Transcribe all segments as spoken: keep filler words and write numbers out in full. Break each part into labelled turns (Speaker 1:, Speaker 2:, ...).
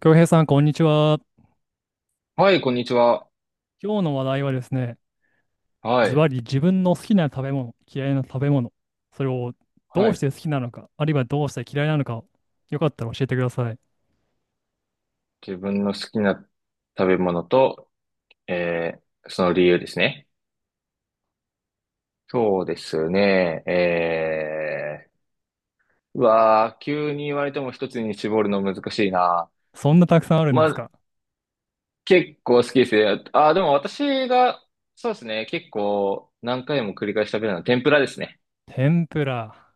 Speaker 1: 京平さん、こんにちは。
Speaker 2: はい、こんにちは。
Speaker 1: 今日の話題はですね、
Speaker 2: は
Speaker 1: ズ
Speaker 2: い。
Speaker 1: バリ自分の好きな食べ物、嫌いな食べ物、それをど
Speaker 2: は
Speaker 1: うし
Speaker 2: い。
Speaker 1: て好きなのか、あるいはどうして嫌いなのかを、よかったら教えてください。
Speaker 2: 自分の好きな食べ物と、えー、その理由ですね。そうですね。えー、うわー、急に言われても一つに絞るの難しいな。
Speaker 1: そんなたくさんあるん
Speaker 2: ま
Speaker 1: です
Speaker 2: あ、
Speaker 1: か？
Speaker 2: 結構好きですね。あー、でも私が、そうですね。結構何回も繰り返し食べるのは天ぷらですね。
Speaker 1: 天ぷら。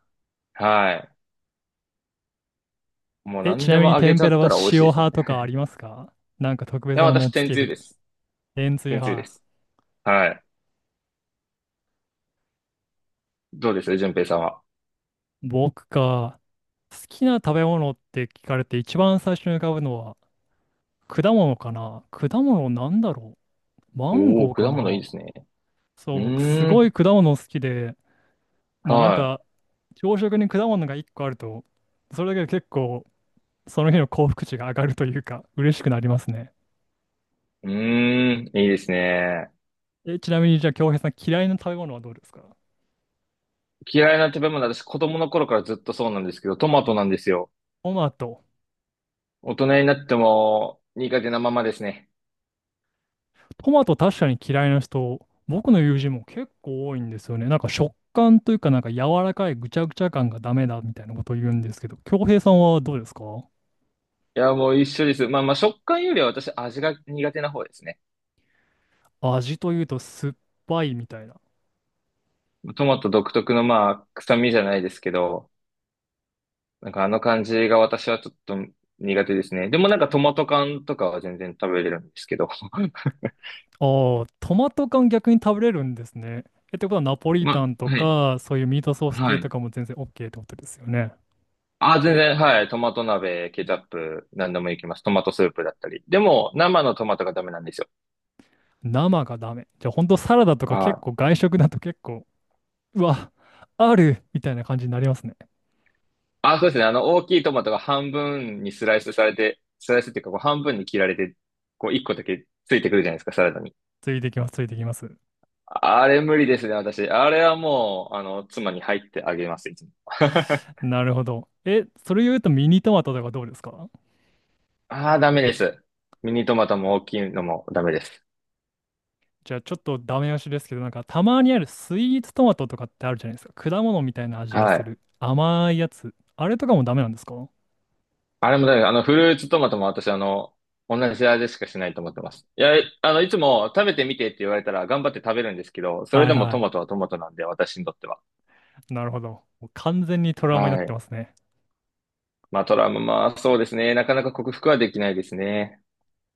Speaker 2: はい。もう
Speaker 1: え、ち
Speaker 2: 何で
Speaker 1: なみ
Speaker 2: も
Speaker 1: に
Speaker 2: 揚げ
Speaker 1: 天
Speaker 2: ちゃ
Speaker 1: ぷら
Speaker 2: っ
Speaker 1: は
Speaker 2: たら美味
Speaker 1: 塩
Speaker 2: しいです
Speaker 1: 派
Speaker 2: ね。
Speaker 1: とかありますか？なんか特
Speaker 2: い
Speaker 1: 別
Speaker 2: や、
Speaker 1: なものを
Speaker 2: 私、
Speaker 1: つ
Speaker 2: 天
Speaker 1: け
Speaker 2: つゆ
Speaker 1: ると。
Speaker 2: です。
Speaker 1: 塩水
Speaker 2: 天つゆで
Speaker 1: 派。
Speaker 2: す。はい。どうです順平さんは。
Speaker 1: 僕か、好きな食べ物って聞かれて一番最初に浮かぶのは果物かな。果物なんだろう。マン
Speaker 2: おー、
Speaker 1: ゴーか
Speaker 2: 果物いい
Speaker 1: な。
Speaker 2: ですね。
Speaker 1: そ
Speaker 2: う
Speaker 1: う、僕す
Speaker 2: ー
Speaker 1: ごい
Speaker 2: ん。
Speaker 1: 果物好きで、まあなん
Speaker 2: は
Speaker 1: か、朝食に果物がいっこあると、それだけで結構その日の幸福値が上がるというか、嬉しくなりますね。
Speaker 2: い。うーん。いいですね。
Speaker 1: え、ちなみにじゃあ、京平さん嫌いな食べ物はどうですか？
Speaker 2: 嫌いな食べ物、私子供の頃からずっとそうなんですけど、トマトなんですよ。
Speaker 1: トマト。
Speaker 2: 大人になっても苦手なままですね。
Speaker 1: トマト確かに嫌いな人、僕の友人も結構多いんですよね。なんか食感というか、なんか柔らかいぐちゃぐちゃ感がダメだみたいなことを言うんですけど、京平さんはどうですか？
Speaker 2: いや、もう一緒です。まあまあ食感よりは私味が苦手な方ですね。
Speaker 1: 味というと酸っぱいみたいな。
Speaker 2: トマト独特のまあ臭みじゃないですけど、なんかあの感じが私はちょっと苦手ですね。でもなんかトマト缶とかは全然食べれるんですけど。
Speaker 1: ああ、トマト缶逆に食べれるんですね。え、ってことはナポリタ
Speaker 2: ま、
Speaker 1: ンと
Speaker 2: はい。
Speaker 1: か、そういうミートソース
Speaker 2: は
Speaker 1: 系
Speaker 2: い。
Speaker 1: とかも全然 OK ってことですよね。
Speaker 2: あ、全然、はい。トマト鍋、ケチャップ、何でもいけます。トマトスープだったり。でも、生のトマトがダメなんですよ。
Speaker 1: 生がダメ。じゃあ本当サラダとか
Speaker 2: は
Speaker 1: 結
Speaker 2: い。
Speaker 1: 構外食だと結構、うわ、あるみたいな感じになりますね。
Speaker 2: あ、そうですね。あの、大きいトマトが半分にスライスされて、スライスっていうか、こう半分に切られて、こう、一個だけついてくるじゃないですか、サラダに。
Speaker 1: ついてきます、ついてきます。
Speaker 2: あれ無理ですね、私。あれはもう、あの、妻に入ってあげます、いつも。
Speaker 1: なるほど。え、それ言うとミニトマトとかどうですか？
Speaker 2: ああ、ダメです。ミニトマトも大きいのもダメです。
Speaker 1: じゃあちょっとダメ押しですけど、なんかたまにあるスイーツトマトとかってあるじゃないですか。果物みたいな味が
Speaker 2: は
Speaker 1: す
Speaker 2: い。
Speaker 1: る。甘いやつ。あれとかもダメなんですか？は
Speaker 2: あれもだよね、あの、フルーツトマトも私、あの、同じ味しかしないと思ってます。いや、あの、いつも食べてみてって言われたら頑張って食べるんですけど、
Speaker 1: い
Speaker 2: それでもト
Speaker 1: は
Speaker 2: マトはトマトなんで、私にとっては。
Speaker 1: い。なるほど。もう完全にトラウマになっ
Speaker 2: は
Speaker 1: て
Speaker 2: い。
Speaker 1: ますね。
Speaker 2: まあ、トラウマ、まあ、そうですね。なかなか克服はできないですね。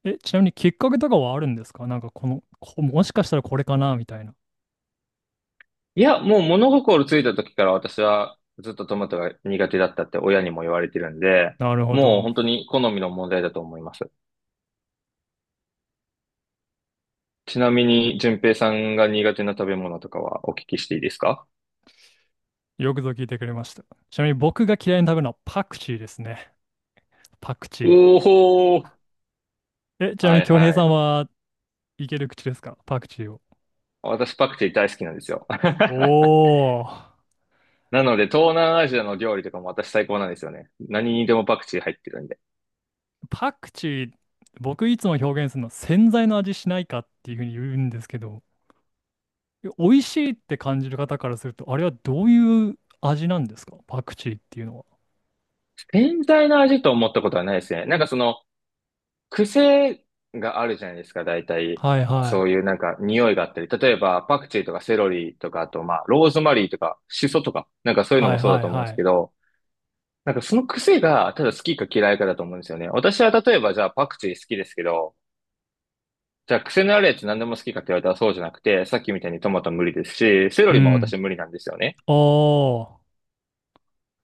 Speaker 1: え、ちなみにきっかけとかはあるんですか？なんかこの、こもしかしたらこれかなみたいな。
Speaker 2: いや、もう物心ついた時から私はずっとトマトが苦手だったって親にも言われてるんで、
Speaker 1: なるほ
Speaker 2: もう
Speaker 1: ど。
Speaker 2: 本当に好みの問題だと思います。ちなみに、淳平さんが苦手な食べ物とかはお聞きしていいですか？
Speaker 1: よくぞ聞いてくれました。ちなみに僕が嫌いに食べるのはパクチーですね。パクチ
Speaker 2: おーほー。
Speaker 1: ー。え、ちなみ
Speaker 2: は
Speaker 1: に
Speaker 2: い
Speaker 1: 京平
Speaker 2: は
Speaker 1: さん
Speaker 2: い。
Speaker 1: はいける口ですか？パクチーを。
Speaker 2: 私パクチー大好きなんですよ。
Speaker 1: お お、
Speaker 2: なので、東南アジアの料理とかも私最高なんですよね。何にでもパクチー入ってるんで。
Speaker 1: パクチー、僕いつも表現するの、洗剤の味しないかっていうふうに言うんですけど、美味しいって感じる方からすると、あれはどういう味なんですか？パクチーっていうのは。
Speaker 2: 全体の味と思ったことはないですね。なんかその、癖があるじゃないですか、大体。
Speaker 1: はいは
Speaker 2: そう
Speaker 1: い。
Speaker 2: いうなんか匂いがあったり。例えば、パクチーとかセロリとか、あとまあ、ローズマリーとか、シソとか、なんかそういうの
Speaker 1: は
Speaker 2: も
Speaker 1: い
Speaker 2: そうだ
Speaker 1: はい
Speaker 2: と思うんで
Speaker 1: は
Speaker 2: す
Speaker 1: い。
Speaker 2: けど、なんかその癖が、ただ好きか嫌いかだと思うんですよね。私は例えばじゃあパクチー好きですけど、じゃあ、癖のあるやつ何でも好きかって言われたらそうじゃなくて、さっきみたいにトマト無理ですし、セロ
Speaker 1: う
Speaker 2: リも
Speaker 1: ん。
Speaker 2: 私無理なんですよね。
Speaker 1: ああ、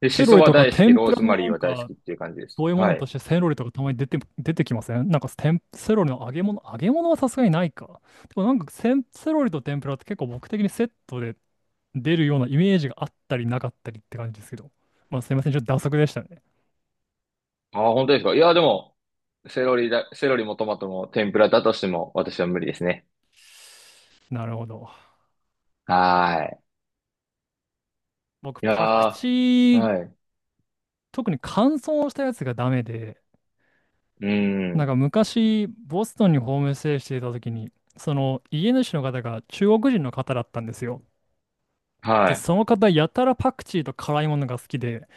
Speaker 2: で、シ
Speaker 1: セロ
Speaker 2: ソ
Speaker 1: リ
Speaker 2: は
Speaker 1: とか
Speaker 2: 大好き、
Speaker 1: 天
Speaker 2: ロ
Speaker 1: ぷ
Speaker 2: ー
Speaker 1: ら
Speaker 2: ズ
Speaker 1: の
Speaker 2: マリ
Speaker 1: な
Speaker 2: ー
Speaker 1: ん
Speaker 2: は大好
Speaker 1: か、
Speaker 2: きっていう感じです。
Speaker 1: そういうも
Speaker 2: は
Speaker 1: のと
Speaker 2: い。
Speaker 1: してセロリとかたまに出て、出てきません？なんか天セロリの揚げ物、揚げ物はさすがにないか。でもなんかセン、セロリと天ぷらって結構僕的にセットで出るようなイメージがあったりなかったりって感じですけど。まあすいません、ちょっと打足でしたね。
Speaker 2: ああ、本当ですか。いや、でも、セロリだ、セロリもトマトも天ぷらだとしても私は無理ですね。
Speaker 1: なるほど。
Speaker 2: はい。
Speaker 1: 僕、
Speaker 2: いや
Speaker 1: パクチ
Speaker 2: ー、
Speaker 1: ー、
Speaker 2: はい。
Speaker 1: 特に乾燥したやつがダメで、
Speaker 2: う
Speaker 1: なんか
Speaker 2: ん。
Speaker 1: 昔、ボストンにホームステイしていた時に、その家主の方が中国人の方だったんですよ。
Speaker 2: は
Speaker 1: で、
Speaker 2: い。
Speaker 1: その方、やたらパクチーと辛いものが好きで、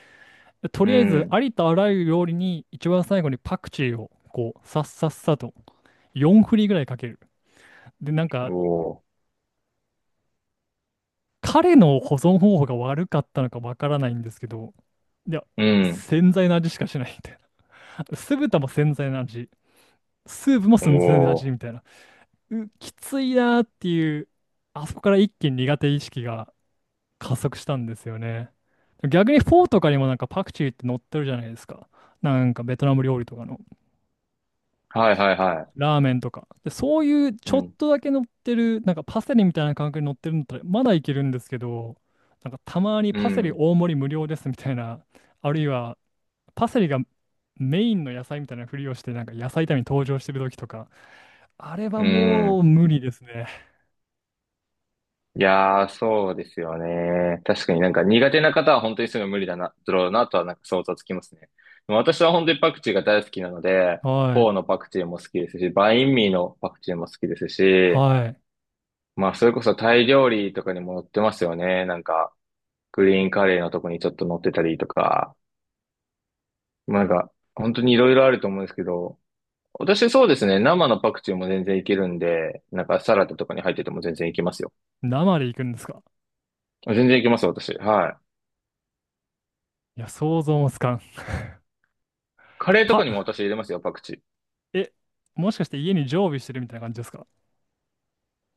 Speaker 1: でと
Speaker 2: う
Speaker 1: りあえず、あ
Speaker 2: ん。
Speaker 1: りとあらゆる料理に一番最後にパクチーを、こう、さっさっさと、よんふり振りぐらいかける。で、なんか、
Speaker 2: おー。
Speaker 1: 彼の保存方法が悪かったのかわからないんですけど、いや、
Speaker 2: うん。
Speaker 1: 洗剤の味しかしないみたいな。酢豚も洗剤の味、スープも洗剤の
Speaker 2: お
Speaker 1: 味
Speaker 2: ー。
Speaker 1: みたいな。う、きついなーっていう、あそこから一気に苦手意識が加速したんですよね。逆にフォーとかにもなんかパクチーって載ってるじゃないですか。なんかベトナム料理とかの。
Speaker 2: はいはいはい。
Speaker 1: ラーメンとか。で、そういう
Speaker 2: う
Speaker 1: ちょっ
Speaker 2: ん。
Speaker 1: とだけ乗ってる、なんかパセリみたいな感覚に乗ってるんだったら、まだいけるんですけど、なんかたまに
Speaker 2: う
Speaker 1: パセリ
Speaker 2: ん。
Speaker 1: 大盛り無料ですみたいな、あるいはパセリがメインの野菜みたいなふりをして、なんか野菜炒めに登場してる時とか、あれは
Speaker 2: う
Speaker 1: もう
Speaker 2: ん。
Speaker 1: 無理ですね。
Speaker 2: いやー、そうですよね。確かになんか苦手な方は本当にすぐ無理だな、だろうなとはなんか想像つきますね。でも私は本当にパクチーが大好きなので、
Speaker 1: は
Speaker 2: フォー
Speaker 1: い。
Speaker 2: のパクチーも好きですし、バインミーのパクチーも好きですし、
Speaker 1: はい。
Speaker 2: まあそれこそタイ料理とかにも載ってますよね。なんか、グリーンカレーのとこにちょっと載ってたりとか、まあなんか、本当にいろいろあると思うんですけど、私そうですね、生のパクチーも全然いけるんで、なんかサラダとかに入ってても全然いけますよ。
Speaker 1: 生で行くんですか？
Speaker 2: 全然いけます、私。はい。
Speaker 1: いや、想像もつかん。
Speaker 2: カレーと
Speaker 1: パ、
Speaker 2: かにも私入れますよ、パクチー。
Speaker 1: え、もしかして家に常備してるみたいな感じですか？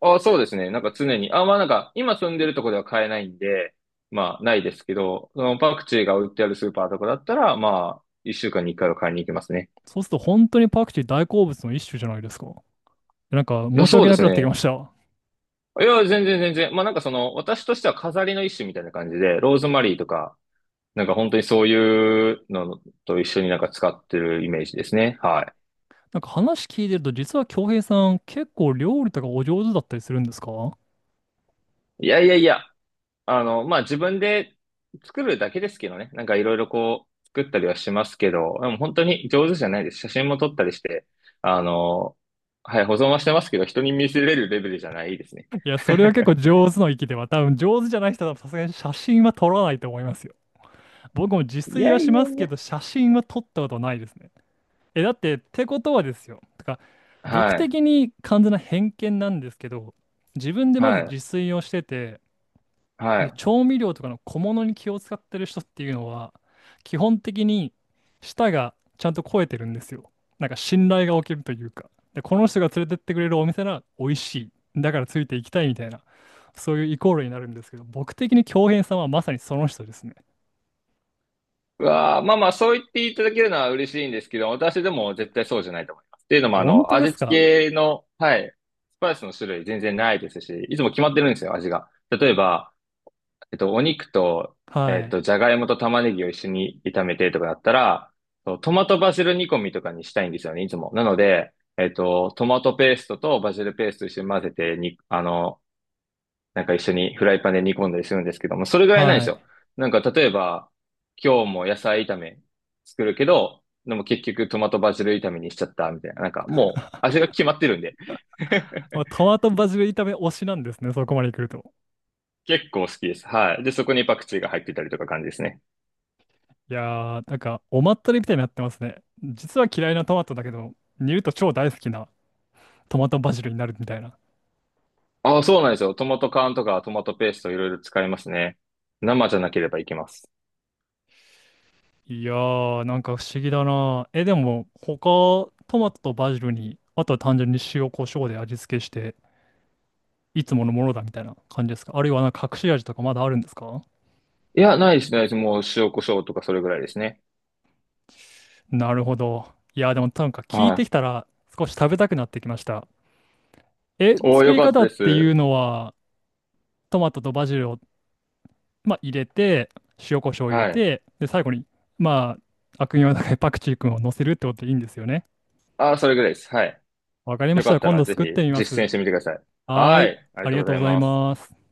Speaker 2: ああ、そうですね。なんか常に。あまあなんか、今住んでるとこでは買えないんで、まあないですけど、そのパクチーが売ってあるスーパーとかだったら、まあ、一週間に一回は買いに行きますね。
Speaker 1: そうすると本当にパクチー大好物の一種じゃないですか。なんか
Speaker 2: いや、
Speaker 1: 申し
Speaker 2: そう
Speaker 1: 訳
Speaker 2: で
Speaker 1: なく
Speaker 2: す
Speaker 1: なってきま
Speaker 2: ね。
Speaker 1: した。
Speaker 2: いや、全然全然。まあなんかその、私としては飾りの一種みたいな感じで、ローズマリーとか、なんか本当にそういうのと一緒になんか使ってるイメージですね。は
Speaker 1: なんか話聞いてると、実は京平さん、結構料理とかお上手だったりするんですか？
Speaker 2: い。いやいやいや。あの、まあ、自分で作るだけですけどね。なんかいろいろこう、作ったりはしますけど、でも本当に上手じゃないです。写真も撮ったりして、あの、はい、保存はしてますけど、人に見せれるレベルじゃないですね。
Speaker 1: いや、それは結 構上手の域では、多分上手じゃない人はさすがに写真は撮らないと思いますよ。僕も自
Speaker 2: い
Speaker 1: 炊
Speaker 2: や
Speaker 1: は
Speaker 2: い
Speaker 1: し
Speaker 2: や
Speaker 1: ます
Speaker 2: い
Speaker 1: け
Speaker 2: や。
Speaker 1: ど、写真は撮ったことないですね。え、だって、ってことはですよ。てか、僕
Speaker 2: はい、
Speaker 1: 的に完全な偏見なんですけど、自分でま
Speaker 2: は
Speaker 1: ず自
Speaker 2: い、
Speaker 1: 炊をしてて、
Speaker 2: は
Speaker 1: で、
Speaker 2: い。
Speaker 1: 調味料とかの小物に気を使ってる人っていうのは、基本的に舌がちゃんと肥えてるんですよ。なんか信頼が起きるというか。で、この人が連れてってくれるお店なら美味しい。だからついていきたいみたいな、そういうイコールになるんですけど、僕的に京平さんはまさにその人ですね。
Speaker 2: うわあ、まあまあ、そう言っていただけるのは嬉しいんですけど、私でも絶対そうじゃないと思います。っていうのも、あ
Speaker 1: 本
Speaker 2: の、
Speaker 1: 当で
Speaker 2: 味
Speaker 1: すか？
Speaker 2: 付けの、はい、スパイスの種類全然ないですし、いつも決まってるんですよ、味が。例えば、えっと、お肉と、え
Speaker 1: は
Speaker 2: っ
Speaker 1: い。
Speaker 2: と、じゃがいもと玉ねぎを一緒に炒めてとかだったら、そうトマトバジル煮込みとかにしたいんですよね、いつも。なので、えっと、トマトペーストとバジルペースト一緒に混ぜてに、あの、なんか一緒にフライパンで煮込んだりするんですけども、それぐらいなんで
Speaker 1: は
Speaker 2: すよ。
Speaker 1: い。
Speaker 2: なんか例えば、今日も野菜炒め作るけど、でも結局トマトバジル炒めにしちゃったみたいな。なんかもう味が決まってるんで。
Speaker 1: まあトマトバジル炒め推しなんですね、そこまで来ると。
Speaker 2: 結構好きです。はい。で、そこにパクチーが入ってたりとか感じですね。
Speaker 1: いやー、なんかおまったりみたいになってますね。実は嫌いなトマトだけど、煮ると超大好きなトマトバジルになるみたいな。
Speaker 2: ああ、そうなんですよ。トマト缶とかトマトペーストいろいろ使いますね。生じゃなければいけます。
Speaker 1: いやー、なんか不思議だな。え、でも、他、トマトとバジルに、あとは単純に塩、コショウで味付けして、いつものものだみたいな感じですか？あるいはなんか隠し味とかまだあるんですか？
Speaker 2: いや、ないですね。もう塩コショウとかそれぐらいですね。
Speaker 1: なるほど。いやー、でもなんか聞い
Speaker 2: は
Speaker 1: てきた
Speaker 2: い。
Speaker 1: ら少し食べたくなってきました。え、
Speaker 2: おお
Speaker 1: 作
Speaker 2: よ
Speaker 1: り
Speaker 2: かっ
Speaker 1: 方
Speaker 2: たで
Speaker 1: っていう
Speaker 2: す。
Speaker 1: のは、トマトとバジルを、まあ、入れて、塩、コショウを入れ
Speaker 2: はい。
Speaker 1: て、で、最後に、まあ、悪名高いパクチー君を乗せるってことでいいんですよね。
Speaker 2: ああ、それぐらいです。はい。
Speaker 1: わかりま
Speaker 2: よ
Speaker 1: し
Speaker 2: か
Speaker 1: た。
Speaker 2: った
Speaker 1: 今
Speaker 2: ら
Speaker 1: 度
Speaker 2: ぜひ
Speaker 1: 作ってみま
Speaker 2: 実践
Speaker 1: す。
Speaker 2: してみてください。
Speaker 1: はー
Speaker 2: は
Speaker 1: い。
Speaker 2: い。ありが
Speaker 1: あり
Speaker 2: と
Speaker 1: が
Speaker 2: うご
Speaker 1: と
Speaker 2: ざ
Speaker 1: う
Speaker 2: い
Speaker 1: ござい
Speaker 2: ます。
Speaker 1: ます。